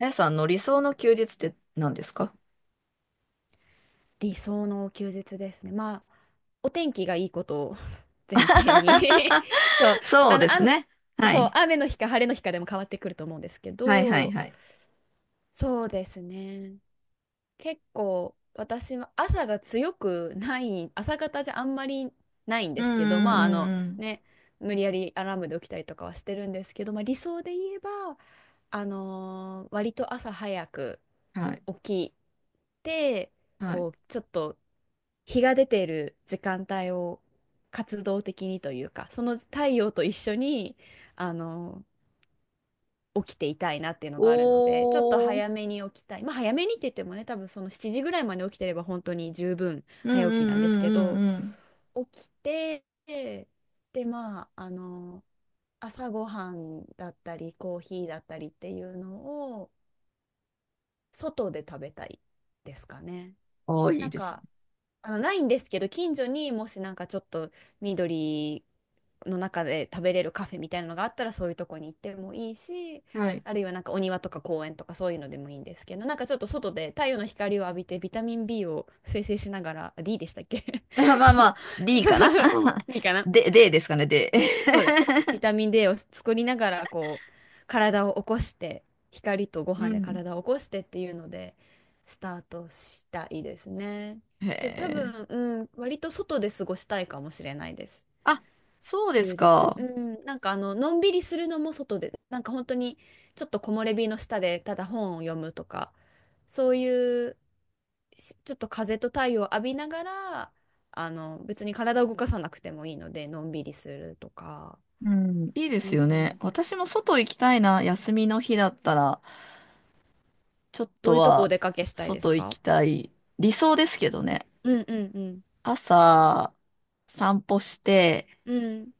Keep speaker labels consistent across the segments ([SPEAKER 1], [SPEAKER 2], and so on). [SPEAKER 1] あやさんの理想の休日って何ですか？
[SPEAKER 2] 理想の休日ですね。まあ、お天気がいいことを 前提 に そう、
[SPEAKER 1] そうです
[SPEAKER 2] 雨、
[SPEAKER 1] ね。は
[SPEAKER 2] そう、
[SPEAKER 1] い。
[SPEAKER 2] 雨の日か晴れの日かでも変わってくると思うんですけ
[SPEAKER 1] はいはい
[SPEAKER 2] ど、
[SPEAKER 1] はい。
[SPEAKER 2] そうですね。結構、私は朝が強くない、朝方じゃあんまりないん
[SPEAKER 1] う
[SPEAKER 2] で
[SPEAKER 1] ん
[SPEAKER 2] すけど、まあ、
[SPEAKER 1] うんうん
[SPEAKER 2] ね、無理やりアラームで起きたりとかはしてるんですけど、まあ、理想で言えば、割と朝早く
[SPEAKER 1] うん。はい。
[SPEAKER 2] 起きて、
[SPEAKER 1] はい。
[SPEAKER 2] こう、ちょっと、日が出ている時間帯を活動的にというか、その太陽と一緒に、あの、起きていたいなっていうのがあるので、ちょっと
[SPEAKER 1] おー。
[SPEAKER 2] 早めに起きたい。まあ早めにって言ってもね、多分その7時ぐらいまで起きてれば本当に十分
[SPEAKER 1] うん
[SPEAKER 2] 早起
[SPEAKER 1] う
[SPEAKER 2] き
[SPEAKER 1] ん
[SPEAKER 2] なんですけ
[SPEAKER 1] うんう
[SPEAKER 2] ど、
[SPEAKER 1] んうん。
[SPEAKER 2] 起きて、で、まあ、朝ごはんだったり、コーヒーだったりっていうのを、外で食べたいですかね。
[SPEAKER 1] おー、い
[SPEAKER 2] な
[SPEAKER 1] い
[SPEAKER 2] ん
[SPEAKER 1] です
[SPEAKER 2] かないんですけど、近所にもしなんかちょっと緑の中で食べれるカフェみたいなのがあったら、そういうとこに行ってもいいし、
[SPEAKER 1] ね。はい。
[SPEAKER 2] あるいはなんかお庭とか公園とかそういうのでもいいんですけど、なんかちょっと外で太陽の光を浴びてビタミン B を生成しながら、あ、 D でしたっけ？
[SPEAKER 1] あ まあ
[SPEAKER 2] そ
[SPEAKER 1] ま
[SPEAKER 2] う。
[SPEAKER 1] あ、D
[SPEAKER 2] そ
[SPEAKER 1] かな
[SPEAKER 2] ういいか な、
[SPEAKER 1] で、D ですかね、で。
[SPEAKER 2] そうだよ。ビタミン D を作りながら、こう、体を起こして、光とご飯
[SPEAKER 1] う
[SPEAKER 2] で
[SPEAKER 1] ん。
[SPEAKER 2] 体を起こしてっていうので、スタートしたいですね。
[SPEAKER 1] へ
[SPEAKER 2] で、多
[SPEAKER 1] え。
[SPEAKER 2] 分、うん、割と外で過ごしたいかもしれないです。
[SPEAKER 1] あ、そうです
[SPEAKER 2] 休日。
[SPEAKER 1] か。
[SPEAKER 2] うん、なんかのんびりするのも外で、なんか本当に、ちょっと木漏れ日の下で、ただ本を読むとか、そういう、しちょっと風と太陽を浴びながら、別に体を動かさなくてもいいので、のんびりするとか。
[SPEAKER 1] うん、いいで
[SPEAKER 2] う
[SPEAKER 1] すよね。
[SPEAKER 2] ん。
[SPEAKER 1] 私も外行きたいな、休みの日だったら。ちょっ
[SPEAKER 2] ど
[SPEAKER 1] と
[SPEAKER 2] ういうとこお
[SPEAKER 1] は
[SPEAKER 2] 出かけしたいです
[SPEAKER 1] 外行
[SPEAKER 2] か？
[SPEAKER 1] きたい。理想ですけどね。
[SPEAKER 2] うんうんうん。
[SPEAKER 1] 朝散歩して
[SPEAKER 2] うん。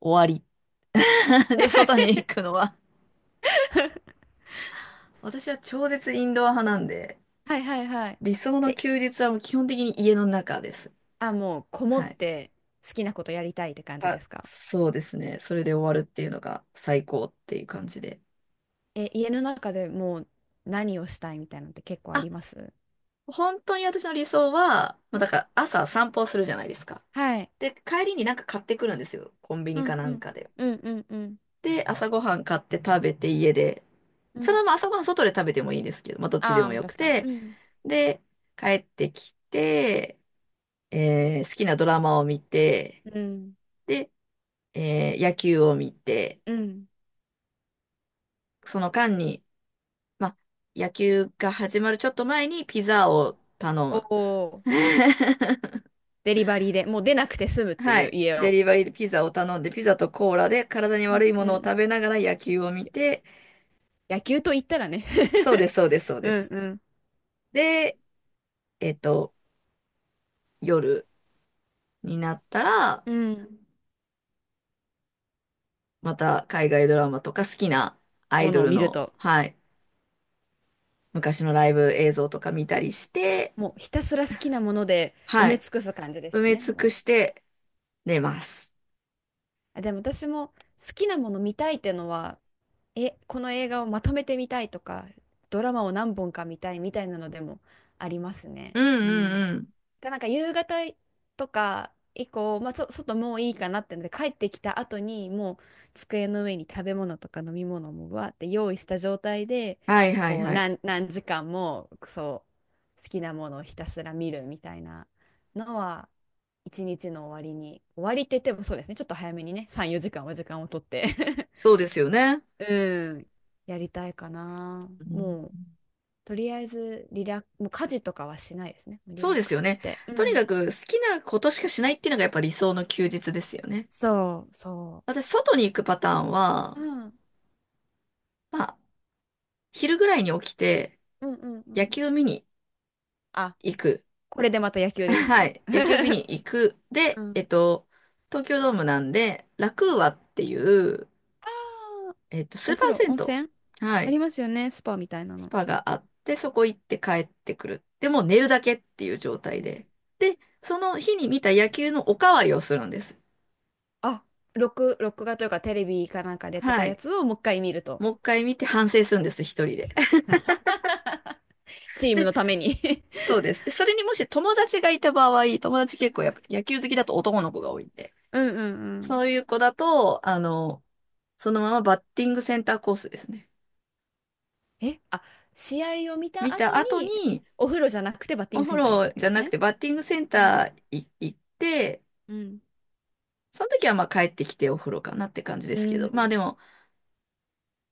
[SPEAKER 1] 終わり。じゃあ外に行くのは。私は超絶インドア派なんで、
[SPEAKER 2] はいはいはい。
[SPEAKER 1] 理想
[SPEAKER 2] じ
[SPEAKER 1] の
[SPEAKER 2] ゃ、
[SPEAKER 1] 休日はもう基本的に家の中です。
[SPEAKER 2] あ、もうこも
[SPEAKER 1] は
[SPEAKER 2] っ
[SPEAKER 1] い。
[SPEAKER 2] て好きなことやりたいって感じで
[SPEAKER 1] あ、
[SPEAKER 2] すか？
[SPEAKER 1] そうですね。それで終わるっていうのが最高っていう感じで。
[SPEAKER 2] え、家の中でもう何をしたいみたいなのって結構あ
[SPEAKER 1] あ、
[SPEAKER 2] ります？
[SPEAKER 1] 本当に私の理想は、まあ、だから朝散歩するじゃないですか。
[SPEAKER 2] はい。
[SPEAKER 1] で、帰りになんか買ってくるんですよ。コンビニ
[SPEAKER 2] うん
[SPEAKER 1] かな
[SPEAKER 2] う
[SPEAKER 1] ん
[SPEAKER 2] ん。
[SPEAKER 1] かで。
[SPEAKER 2] うんうんうん
[SPEAKER 1] で、朝ごはん買って食べて家で、
[SPEAKER 2] う
[SPEAKER 1] その
[SPEAKER 2] ん。
[SPEAKER 1] まま朝ごはん外で食べてもいいですけど、まあどっちで
[SPEAKER 2] ああ、
[SPEAKER 1] も
[SPEAKER 2] まあ
[SPEAKER 1] よく
[SPEAKER 2] 確かに。う
[SPEAKER 1] て、
[SPEAKER 2] ん。
[SPEAKER 1] で、帰ってきて、好きなドラマを見て、
[SPEAKER 2] うん。
[SPEAKER 1] で、野球を見て、
[SPEAKER 2] うん。
[SPEAKER 1] その間に、まあ、野球が始まるちょっと前にピザを頼
[SPEAKER 2] お、
[SPEAKER 1] む。
[SPEAKER 2] お、デリバリーでもう出なくて済むって
[SPEAKER 1] は
[SPEAKER 2] いう
[SPEAKER 1] い。
[SPEAKER 2] 家
[SPEAKER 1] デ
[SPEAKER 2] を。
[SPEAKER 1] リバリーでピザを頼んで、ピザとコーラで体に
[SPEAKER 2] う
[SPEAKER 1] 悪い
[SPEAKER 2] ん
[SPEAKER 1] も
[SPEAKER 2] う
[SPEAKER 1] のを
[SPEAKER 2] ん。
[SPEAKER 1] 食べながら野球を見
[SPEAKER 2] や、
[SPEAKER 1] て、
[SPEAKER 2] 野球と言ったらね。
[SPEAKER 1] そうです、そうです、そう
[SPEAKER 2] う
[SPEAKER 1] で
[SPEAKER 2] ん
[SPEAKER 1] す。
[SPEAKER 2] うん。
[SPEAKER 1] で、えっと、夜になったら、
[SPEAKER 2] うん。
[SPEAKER 1] また海外ドラマとか好きなアイ
[SPEAKER 2] も
[SPEAKER 1] ド
[SPEAKER 2] のを
[SPEAKER 1] ル
[SPEAKER 2] 見る
[SPEAKER 1] の、
[SPEAKER 2] と。
[SPEAKER 1] はい、昔のライブ映像とか見たりして、
[SPEAKER 2] もうひたすら好きなもので埋
[SPEAKER 1] は
[SPEAKER 2] め
[SPEAKER 1] い、
[SPEAKER 2] 尽くす感じで
[SPEAKER 1] 埋
[SPEAKER 2] す
[SPEAKER 1] め
[SPEAKER 2] ね。
[SPEAKER 1] 尽く
[SPEAKER 2] も
[SPEAKER 1] して寝ます。
[SPEAKER 2] う。あ、でも私も好きなもの見たいってのは、この映画をまとめてみたいとか、ドラマを何本か見たいみたいなのでもありますね。
[SPEAKER 1] うん
[SPEAKER 2] う
[SPEAKER 1] う
[SPEAKER 2] ん。
[SPEAKER 1] んうん。
[SPEAKER 2] が、なんか夕方とか以降、まあ、外もういいかなってので帰ってきた後にもう机の上に食べ物とか飲み物もわーって用意した状態で
[SPEAKER 1] はいはい
[SPEAKER 2] こう、
[SPEAKER 1] はい。
[SPEAKER 2] 何時間もそう好きなものをひたすら見るみたいなのは一日の終わりに、終わりって言ってもそうですね、ちょっと早めにね、3、4時間は時間をとって
[SPEAKER 1] そうですよね。
[SPEAKER 2] うん、やりたいかな。
[SPEAKER 1] う
[SPEAKER 2] もう
[SPEAKER 1] ん。
[SPEAKER 2] とりあえず、リラッ、もう家事とかはしないですね。リ
[SPEAKER 1] そ
[SPEAKER 2] ラ
[SPEAKER 1] う
[SPEAKER 2] ッ
[SPEAKER 1] で
[SPEAKER 2] ク
[SPEAKER 1] すよ
[SPEAKER 2] スし
[SPEAKER 1] ね。
[SPEAKER 2] て。う
[SPEAKER 1] とに
[SPEAKER 2] ん、
[SPEAKER 1] かく好きなことしかしないっていうのがやっぱ理想の休日ですよね。
[SPEAKER 2] そう、そ
[SPEAKER 1] 私、外に行くパターンは、
[SPEAKER 2] う。うん。
[SPEAKER 1] まあ、昼ぐらいに起きて
[SPEAKER 2] うんうんうん。う
[SPEAKER 1] 野
[SPEAKER 2] ん、
[SPEAKER 1] 球見に
[SPEAKER 2] あ、
[SPEAKER 1] 行く。
[SPEAKER 2] これでまた野 球です
[SPEAKER 1] は
[SPEAKER 2] ね。
[SPEAKER 1] い。野球見に 行く。
[SPEAKER 2] う
[SPEAKER 1] で、
[SPEAKER 2] ん。
[SPEAKER 1] 東京ドームなんで、ラクーアっていう、
[SPEAKER 2] ああ、
[SPEAKER 1] ス
[SPEAKER 2] お
[SPEAKER 1] ーパ
[SPEAKER 2] 風
[SPEAKER 1] ー
[SPEAKER 2] 呂、
[SPEAKER 1] 銭
[SPEAKER 2] 温泉
[SPEAKER 1] 湯。は
[SPEAKER 2] あ
[SPEAKER 1] い。
[SPEAKER 2] りますよね、スパみたいな
[SPEAKER 1] ス
[SPEAKER 2] の。
[SPEAKER 1] パがあって、そこ行って帰ってくる。で、もう寝るだけっていう状
[SPEAKER 2] う
[SPEAKER 1] 態
[SPEAKER 2] ん。
[SPEAKER 1] で。で、その日に見た野球のおかわりをするんです。
[SPEAKER 2] あ、録画というかテレビかなんかでやってた
[SPEAKER 1] は
[SPEAKER 2] や
[SPEAKER 1] い。
[SPEAKER 2] つをもう一回見ると。
[SPEAKER 1] もう一回見て反省するんです、一人で。
[SPEAKER 2] チ ーム
[SPEAKER 1] で、
[SPEAKER 2] のために
[SPEAKER 1] そうです。で、それにもし友達がいた場合、友達結構やっぱ野球好きだと男の子が多いんで、
[SPEAKER 2] うんうんうん。
[SPEAKER 1] そういう子だと、そのままバッティングセンターコースですね。
[SPEAKER 2] あ、試合を見た
[SPEAKER 1] 見た
[SPEAKER 2] 後
[SPEAKER 1] 後
[SPEAKER 2] に、
[SPEAKER 1] に、
[SPEAKER 2] お風呂じゃなくてバッテ
[SPEAKER 1] お
[SPEAKER 2] ィング
[SPEAKER 1] 風
[SPEAKER 2] センターに行く
[SPEAKER 1] 呂
[SPEAKER 2] わけ
[SPEAKER 1] じ
[SPEAKER 2] で
[SPEAKER 1] ゃ
[SPEAKER 2] す
[SPEAKER 1] なく
[SPEAKER 2] ね。
[SPEAKER 1] てバッティングセン
[SPEAKER 2] うん
[SPEAKER 1] ターい行って、
[SPEAKER 2] うん
[SPEAKER 1] その時はまあ帰ってきてお風呂かなって感じで
[SPEAKER 2] う
[SPEAKER 1] すけど、まあ
[SPEAKER 2] ん。
[SPEAKER 1] でも、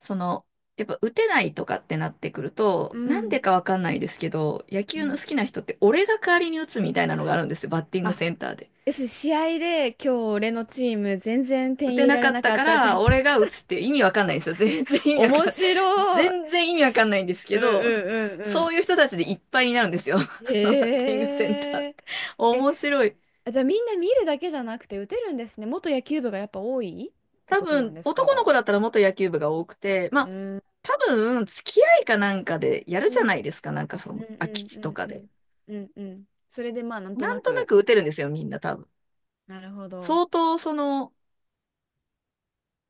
[SPEAKER 1] その、やっぱ打てないとかってなってくると、
[SPEAKER 2] う
[SPEAKER 1] なんで
[SPEAKER 2] ん
[SPEAKER 1] かわかんないですけど、野
[SPEAKER 2] う
[SPEAKER 1] 球の
[SPEAKER 2] ん。
[SPEAKER 1] 好きな人って俺が代わりに打つみたいなのがあるんですよ、バッティング
[SPEAKER 2] あ、
[SPEAKER 1] センターで。
[SPEAKER 2] です、試合で今日俺のチーム全然
[SPEAKER 1] 打
[SPEAKER 2] 点入
[SPEAKER 1] て
[SPEAKER 2] れ
[SPEAKER 1] な
[SPEAKER 2] ら
[SPEAKER 1] か
[SPEAKER 2] れ
[SPEAKER 1] っ
[SPEAKER 2] な
[SPEAKER 1] た
[SPEAKER 2] かっ
[SPEAKER 1] か
[SPEAKER 2] たじゃんっ
[SPEAKER 1] ら、
[SPEAKER 2] て。
[SPEAKER 1] 俺が打つって意味わかんないんですよ。
[SPEAKER 2] 面白い。
[SPEAKER 1] 全然意味わかん
[SPEAKER 2] し、
[SPEAKER 1] ないんですけ
[SPEAKER 2] うん
[SPEAKER 1] ど、
[SPEAKER 2] うんうんう
[SPEAKER 1] そういう
[SPEAKER 2] ん。
[SPEAKER 1] 人たちでいっぱいになるんですよ。そのバッテ
[SPEAKER 2] へ
[SPEAKER 1] ィングセンターっ
[SPEAKER 2] え。
[SPEAKER 1] て。
[SPEAKER 2] え、
[SPEAKER 1] 面白い。
[SPEAKER 2] じゃあみんな見るだけじゃなくて打てるんですね。元野球部がやっぱ多いって
[SPEAKER 1] 多
[SPEAKER 2] ことなん
[SPEAKER 1] 分、
[SPEAKER 2] です
[SPEAKER 1] 男の
[SPEAKER 2] か？
[SPEAKER 1] 子だったら元野球部が多くて、ま
[SPEAKER 2] う
[SPEAKER 1] あ、
[SPEAKER 2] ん。
[SPEAKER 1] 多分、付き合いかなんかでやる
[SPEAKER 2] う
[SPEAKER 1] じゃな
[SPEAKER 2] ん
[SPEAKER 1] いですか、なんかそ
[SPEAKER 2] うん
[SPEAKER 1] の、
[SPEAKER 2] う
[SPEAKER 1] 空き
[SPEAKER 2] ん
[SPEAKER 1] 地
[SPEAKER 2] う
[SPEAKER 1] と
[SPEAKER 2] ん
[SPEAKER 1] か
[SPEAKER 2] う
[SPEAKER 1] で。
[SPEAKER 2] んうんうん。それでまあなんと
[SPEAKER 1] な
[SPEAKER 2] な
[SPEAKER 1] んとな
[SPEAKER 2] く。
[SPEAKER 1] く打てるんですよ、みんな多分。
[SPEAKER 2] なるほど。
[SPEAKER 1] 相当、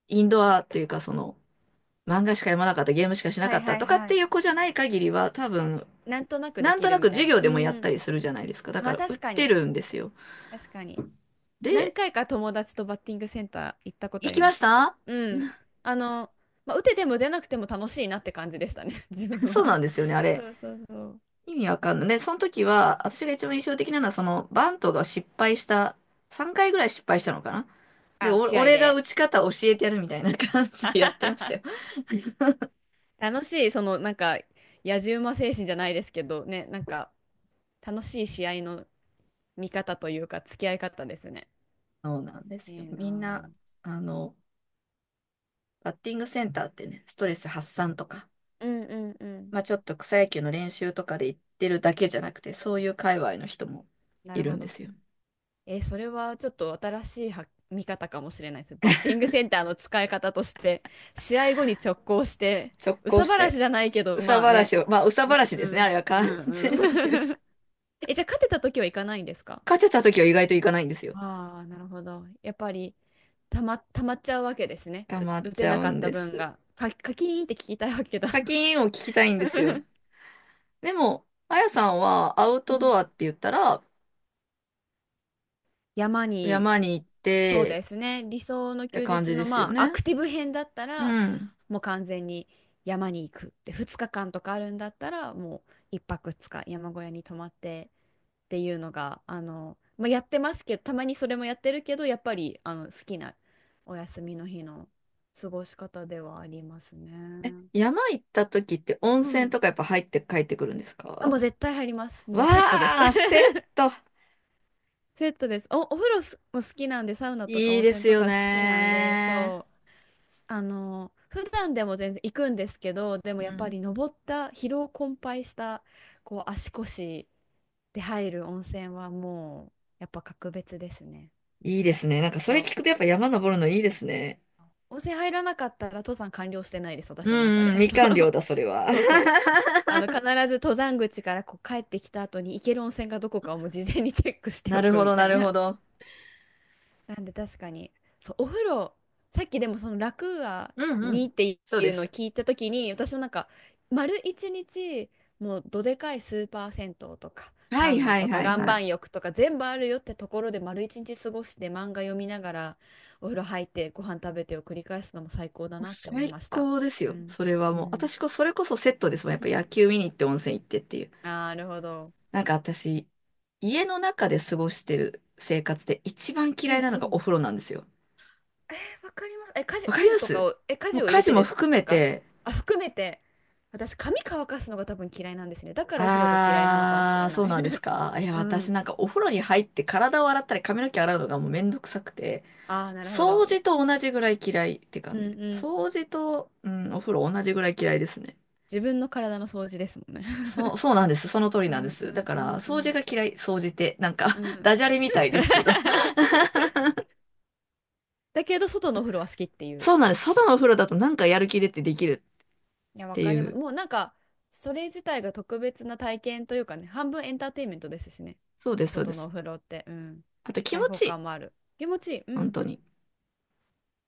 [SPEAKER 1] インドアっていうか、漫画しか読まなかった、ゲームしかしな
[SPEAKER 2] は
[SPEAKER 1] か
[SPEAKER 2] い
[SPEAKER 1] った
[SPEAKER 2] はい
[SPEAKER 1] とかっ
[SPEAKER 2] は
[SPEAKER 1] て
[SPEAKER 2] い。
[SPEAKER 1] いう子じゃない限りは、多分、
[SPEAKER 2] なんとなくで
[SPEAKER 1] なん
[SPEAKER 2] き
[SPEAKER 1] と
[SPEAKER 2] る
[SPEAKER 1] な
[SPEAKER 2] み
[SPEAKER 1] く
[SPEAKER 2] た
[SPEAKER 1] 授
[SPEAKER 2] いな。
[SPEAKER 1] 業
[SPEAKER 2] う
[SPEAKER 1] でもやった
[SPEAKER 2] ん。
[SPEAKER 1] りするじゃないですか。だ
[SPEAKER 2] ま
[SPEAKER 1] か
[SPEAKER 2] あ
[SPEAKER 1] ら、打っ
[SPEAKER 2] 確か
[SPEAKER 1] て
[SPEAKER 2] に。
[SPEAKER 1] るんですよ。
[SPEAKER 2] 確かに。何
[SPEAKER 1] で、
[SPEAKER 2] 回か友達とバッティングセンター行ったこと
[SPEAKER 1] 行
[SPEAKER 2] あり
[SPEAKER 1] き
[SPEAKER 2] ま
[SPEAKER 1] まし
[SPEAKER 2] す。
[SPEAKER 1] た。
[SPEAKER 2] うん。あの、まあ、打てても出なくても楽しいなって感じでしたね、自分
[SPEAKER 1] そうなん
[SPEAKER 2] は。
[SPEAKER 1] ですよね、あれ。
[SPEAKER 2] そうそうそう。
[SPEAKER 1] 意味わかんない。で、その時は、私が一番印象的なのは、バントが失敗した、3回ぐらい失敗したのかな？で、
[SPEAKER 2] あ、試合
[SPEAKER 1] 俺が
[SPEAKER 2] で。
[SPEAKER 1] 打ち方教えてやるみたいな感じでやってまし たよ。
[SPEAKER 2] 楽しい、その、なんか、野じ馬精神じゃないですけど、ね、なんか、楽しい試合の見方というか、付き合い方ですね。
[SPEAKER 1] そうなんですよ。
[SPEAKER 2] いいな
[SPEAKER 1] みんな、
[SPEAKER 2] ぁ。
[SPEAKER 1] あの、バッティングセンターってね、ストレス発散とか、
[SPEAKER 2] うんうんうん。
[SPEAKER 1] まあちょっと草野球の練習とかで行ってるだけじゃなくて、そういう界隈の人も
[SPEAKER 2] な
[SPEAKER 1] い
[SPEAKER 2] る
[SPEAKER 1] る
[SPEAKER 2] ほ
[SPEAKER 1] んで
[SPEAKER 2] ど。
[SPEAKER 1] すよ。
[SPEAKER 2] それはちょっと新しいは見方かもしれないです。バッティングセンターの使い方として、試合後に直行して、
[SPEAKER 1] 直
[SPEAKER 2] 憂
[SPEAKER 1] 行
[SPEAKER 2] さ
[SPEAKER 1] し
[SPEAKER 2] 晴らし
[SPEAKER 1] て、
[SPEAKER 2] じゃないけ
[SPEAKER 1] 憂
[SPEAKER 2] ど、ま
[SPEAKER 1] さ
[SPEAKER 2] あ
[SPEAKER 1] 晴ら
[SPEAKER 2] ね。
[SPEAKER 1] しを、まあ憂さ晴らしで
[SPEAKER 2] う
[SPEAKER 1] すね、あ
[SPEAKER 2] ん
[SPEAKER 1] れは完
[SPEAKER 2] うんう
[SPEAKER 1] 全に
[SPEAKER 2] ん
[SPEAKER 1] 憂
[SPEAKER 2] う
[SPEAKER 1] さ。
[SPEAKER 2] ん。え、じゃあ勝てた時はいかないんですか？
[SPEAKER 1] 勝てた時は意外といかないんですよ。
[SPEAKER 2] ああ、なるほど。やっぱり、たまっちゃうわけですね。
[SPEAKER 1] 溜まっ
[SPEAKER 2] 打て
[SPEAKER 1] ちゃ
[SPEAKER 2] な
[SPEAKER 1] う
[SPEAKER 2] かっ
[SPEAKER 1] ん
[SPEAKER 2] た
[SPEAKER 1] で
[SPEAKER 2] 分
[SPEAKER 1] す。
[SPEAKER 2] が。カキーンって聞きたいわけだ。
[SPEAKER 1] 課金を聞きたいんですよ。でも、あやさんはアウ
[SPEAKER 2] う
[SPEAKER 1] トド
[SPEAKER 2] ん、
[SPEAKER 1] アって言ったら、
[SPEAKER 2] 山に、
[SPEAKER 1] 山に行っ
[SPEAKER 2] そうで
[SPEAKER 1] て
[SPEAKER 2] すね。理想の
[SPEAKER 1] って
[SPEAKER 2] 休
[SPEAKER 1] 感
[SPEAKER 2] 日
[SPEAKER 1] じで
[SPEAKER 2] の
[SPEAKER 1] すよ
[SPEAKER 2] まあア
[SPEAKER 1] ね。
[SPEAKER 2] クティブ編だった
[SPEAKER 1] う
[SPEAKER 2] ら
[SPEAKER 1] ん。
[SPEAKER 2] もう完全に山に行くって、2日間とかあるんだったらもう一泊2日山小屋に泊まってっていうのがまあ、やってますけどたまにそれもやってるけどやっぱりあの好きなお休みの日の過ごし方ではありますね。
[SPEAKER 1] 山行った時って温
[SPEAKER 2] う
[SPEAKER 1] 泉
[SPEAKER 2] ん。
[SPEAKER 1] とかやっぱ入って帰ってくるんです
[SPEAKER 2] あ、も
[SPEAKER 1] か？
[SPEAKER 2] う絶対入ります。も
[SPEAKER 1] わ
[SPEAKER 2] うセットです。
[SPEAKER 1] あ、セット。
[SPEAKER 2] セットです。お風呂すも好きなんで、サウナとか
[SPEAKER 1] いい
[SPEAKER 2] 温
[SPEAKER 1] で
[SPEAKER 2] 泉
[SPEAKER 1] す
[SPEAKER 2] と
[SPEAKER 1] よ
[SPEAKER 2] か好きなんで、
[SPEAKER 1] ね。
[SPEAKER 2] そう普段でも全然行くんですけど、でも
[SPEAKER 1] う
[SPEAKER 2] やっぱ
[SPEAKER 1] ん。
[SPEAKER 2] り登った疲労困憊したこう足腰で入る温泉はもう、やっぱ格別ですね。
[SPEAKER 1] いいですね。なんかそ
[SPEAKER 2] そ
[SPEAKER 1] れ
[SPEAKER 2] う、
[SPEAKER 1] 聞くとやっぱ山登るのいいですね。
[SPEAKER 2] 温泉入らなかったら登山完了してないです、
[SPEAKER 1] う
[SPEAKER 2] 私の中
[SPEAKER 1] ん
[SPEAKER 2] で。
[SPEAKER 1] うん、み
[SPEAKER 2] そ
[SPEAKER 1] かん寮
[SPEAKER 2] う、
[SPEAKER 1] だ、それは。
[SPEAKER 2] そうそう、必 ず登山口からこう帰ってきた後に行ける温泉がどこかをもう事前にチェックして
[SPEAKER 1] な
[SPEAKER 2] お
[SPEAKER 1] る
[SPEAKER 2] く
[SPEAKER 1] ほ
[SPEAKER 2] み
[SPEAKER 1] ど、
[SPEAKER 2] た
[SPEAKER 1] な
[SPEAKER 2] い
[SPEAKER 1] る
[SPEAKER 2] な。
[SPEAKER 1] ほど。
[SPEAKER 2] なんで確かに、そう、お風呂、さっきでもその楽は
[SPEAKER 1] うんう
[SPEAKER 2] に
[SPEAKER 1] ん。
[SPEAKER 2] ってい
[SPEAKER 1] そうで
[SPEAKER 2] うのを
[SPEAKER 1] す。
[SPEAKER 2] 聞いたときに、私もなんか、丸一日、もうどでかいスーパー銭湯とか、
[SPEAKER 1] は
[SPEAKER 2] サ
[SPEAKER 1] い
[SPEAKER 2] ウナ
[SPEAKER 1] はい
[SPEAKER 2] とか、
[SPEAKER 1] はい
[SPEAKER 2] 岩
[SPEAKER 1] はい。
[SPEAKER 2] 盤浴とか全部あるよってところで丸一日過ごして漫画読みながら、お風呂入ってご飯食べてを繰り返すのも最高だなって思い
[SPEAKER 1] 最
[SPEAKER 2] ました。
[SPEAKER 1] 高です
[SPEAKER 2] う
[SPEAKER 1] よ。
[SPEAKER 2] ん、
[SPEAKER 1] それは
[SPEAKER 2] う
[SPEAKER 1] もう。
[SPEAKER 2] ん。
[SPEAKER 1] それこそセットですもん。
[SPEAKER 2] う
[SPEAKER 1] やっぱ
[SPEAKER 2] ん、
[SPEAKER 1] 野球見に行って温泉行ってっていう。
[SPEAKER 2] なるほど。
[SPEAKER 1] なんか私、家の中で過ごしてる生活で一番
[SPEAKER 2] う
[SPEAKER 1] 嫌い
[SPEAKER 2] ん
[SPEAKER 1] な
[SPEAKER 2] う
[SPEAKER 1] のがお
[SPEAKER 2] ん。
[SPEAKER 1] 風呂なんですよ。
[SPEAKER 2] わかります。
[SPEAKER 1] わか
[SPEAKER 2] 家
[SPEAKER 1] りま
[SPEAKER 2] 事とか
[SPEAKER 1] す。
[SPEAKER 2] を、家
[SPEAKER 1] も
[SPEAKER 2] 事
[SPEAKER 1] う
[SPEAKER 2] を入
[SPEAKER 1] 家
[SPEAKER 2] れ
[SPEAKER 1] 事
[SPEAKER 2] て
[SPEAKER 1] も
[SPEAKER 2] です
[SPEAKER 1] 含め
[SPEAKER 2] か？
[SPEAKER 1] て、
[SPEAKER 2] あ、含めて、私、髪乾かすのが多分嫌いなんですね。だからお風呂が嫌いなのかもし
[SPEAKER 1] あ
[SPEAKER 2] れ
[SPEAKER 1] ー、そ
[SPEAKER 2] な
[SPEAKER 1] う
[SPEAKER 2] い。
[SPEAKER 1] なんです か。いや、
[SPEAKER 2] う
[SPEAKER 1] 私
[SPEAKER 2] ん。
[SPEAKER 1] なんかお風呂に入って体を洗ったり髪の毛洗うのがもうめんどくさくて、
[SPEAKER 2] ああ、なるほど。
[SPEAKER 1] 掃
[SPEAKER 2] い、
[SPEAKER 1] 除と同じぐらい嫌いって感
[SPEAKER 2] うん
[SPEAKER 1] じ。
[SPEAKER 2] うん。
[SPEAKER 1] 掃除と、うん、お風呂同じぐらい嫌いですね。
[SPEAKER 2] 自分の体の掃除ですもんね。
[SPEAKER 1] そう、そうなんです。その通り
[SPEAKER 2] う
[SPEAKER 1] なん
[SPEAKER 2] ん
[SPEAKER 1] です。
[SPEAKER 2] う
[SPEAKER 1] だ
[SPEAKER 2] ん
[SPEAKER 1] か
[SPEAKER 2] う
[SPEAKER 1] ら、
[SPEAKER 2] んう
[SPEAKER 1] 掃除
[SPEAKER 2] ん
[SPEAKER 1] が嫌い、掃除って、なんか
[SPEAKER 2] う ん。
[SPEAKER 1] ダジャレみたいですけど。
[SPEAKER 2] だけど、外のお風呂は好きってい
[SPEAKER 1] そ
[SPEAKER 2] う。
[SPEAKER 1] うなんです。外のお風呂だとなんかやる気出てできる
[SPEAKER 2] いや、
[SPEAKER 1] っ
[SPEAKER 2] わ
[SPEAKER 1] て
[SPEAKER 2] か
[SPEAKER 1] い
[SPEAKER 2] ります。
[SPEAKER 1] う。
[SPEAKER 2] もうなんか、それ自体が特別な体験というかね、半分エンターテインメントですしね。
[SPEAKER 1] そうです、そうで
[SPEAKER 2] 外のお
[SPEAKER 1] す。
[SPEAKER 2] 風呂って、うん。
[SPEAKER 1] あと気
[SPEAKER 2] 開
[SPEAKER 1] 持
[SPEAKER 2] 放
[SPEAKER 1] ちいい。
[SPEAKER 2] 感もある。気持ちいい。う
[SPEAKER 1] 本
[SPEAKER 2] ん。
[SPEAKER 1] 当に。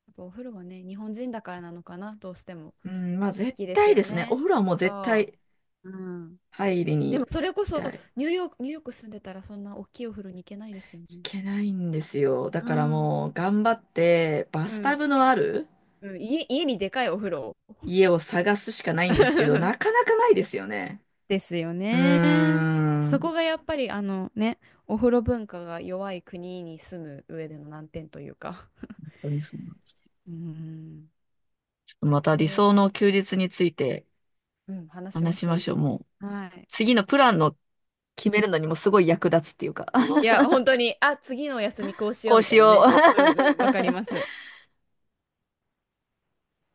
[SPEAKER 2] やっぱお風呂はね、日本人だからなのかな、どうしても
[SPEAKER 1] うん、まあ
[SPEAKER 2] 好
[SPEAKER 1] 絶
[SPEAKER 2] きです
[SPEAKER 1] 対で
[SPEAKER 2] よ
[SPEAKER 1] すね。お
[SPEAKER 2] ね。
[SPEAKER 1] 風呂はもう絶
[SPEAKER 2] そ
[SPEAKER 1] 対
[SPEAKER 2] う。うん。
[SPEAKER 1] 入りに
[SPEAKER 2] で
[SPEAKER 1] 行
[SPEAKER 2] もそれこ
[SPEAKER 1] き
[SPEAKER 2] そ、
[SPEAKER 1] たい。
[SPEAKER 2] ニューヨーク住んでたらそんな大きいお風呂に行けないですよ
[SPEAKER 1] 行
[SPEAKER 2] ね。
[SPEAKER 1] けないんですよ。だ
[SPEAKER 2] う
[SPEAKER 1] から
[SPEAKER 2] ん。
[SPEAKER 1] もう頑張ってバ
[SPEAKER 2] う
[SPEAKER 1] スタ
[SPEAKER 2] ん。
[SPEAKER 1] ブのある
[SPEAKER 2] うん、家にでかいお風呂。
[SPEAKER 1] 家を探すしかないんですけど、な かなかないですよね。
[SPEAKER 2] ですよ
[SPEAKER 1] うー
[SPEAKER 2] ね。
[SPEAKER 1] ん。
[SPEAKER 2] そ
[SPEAKER 1] 本
[SPEAKER 2] こがやっぱりあのね、お風呂文化が弱い国に住む上での難点というか。
[SPEAKER 1] 当にそう。
[SPEAKER 2] うん。
[SPEAKER 1] また
[SPEAKER 2] それ
[SPEAKER 1] 理
[SPEAKER 2] は、
[SPEAKER 1] 想の休日について
[SPEAKER 2] うん、話しま
[SPEAKER 1] 話し
[SPEAKER 2] し
[SPEAKER 1] ま
[SPEAKER 2] ょ
[SPEAKER 1] しょう。もう、
[SPEAKER 2] う。はい。
[SPEAKER 1] 次のプランの決めるのにもすごい役立つっていうか、
[SPEAKER 2] い や、本当に、あ、次のお休みこうしよ
[SPEAKER 1] こ
[SPEAKER 2] う
[SPEAKER 1] う
[SPEAKER 2] み
[SPEAKER 1] し
[SPEAKER 2] たいな
[SPEAKER 1] よう。
[SPEAKER 2] ね。うんうん、わかりま す。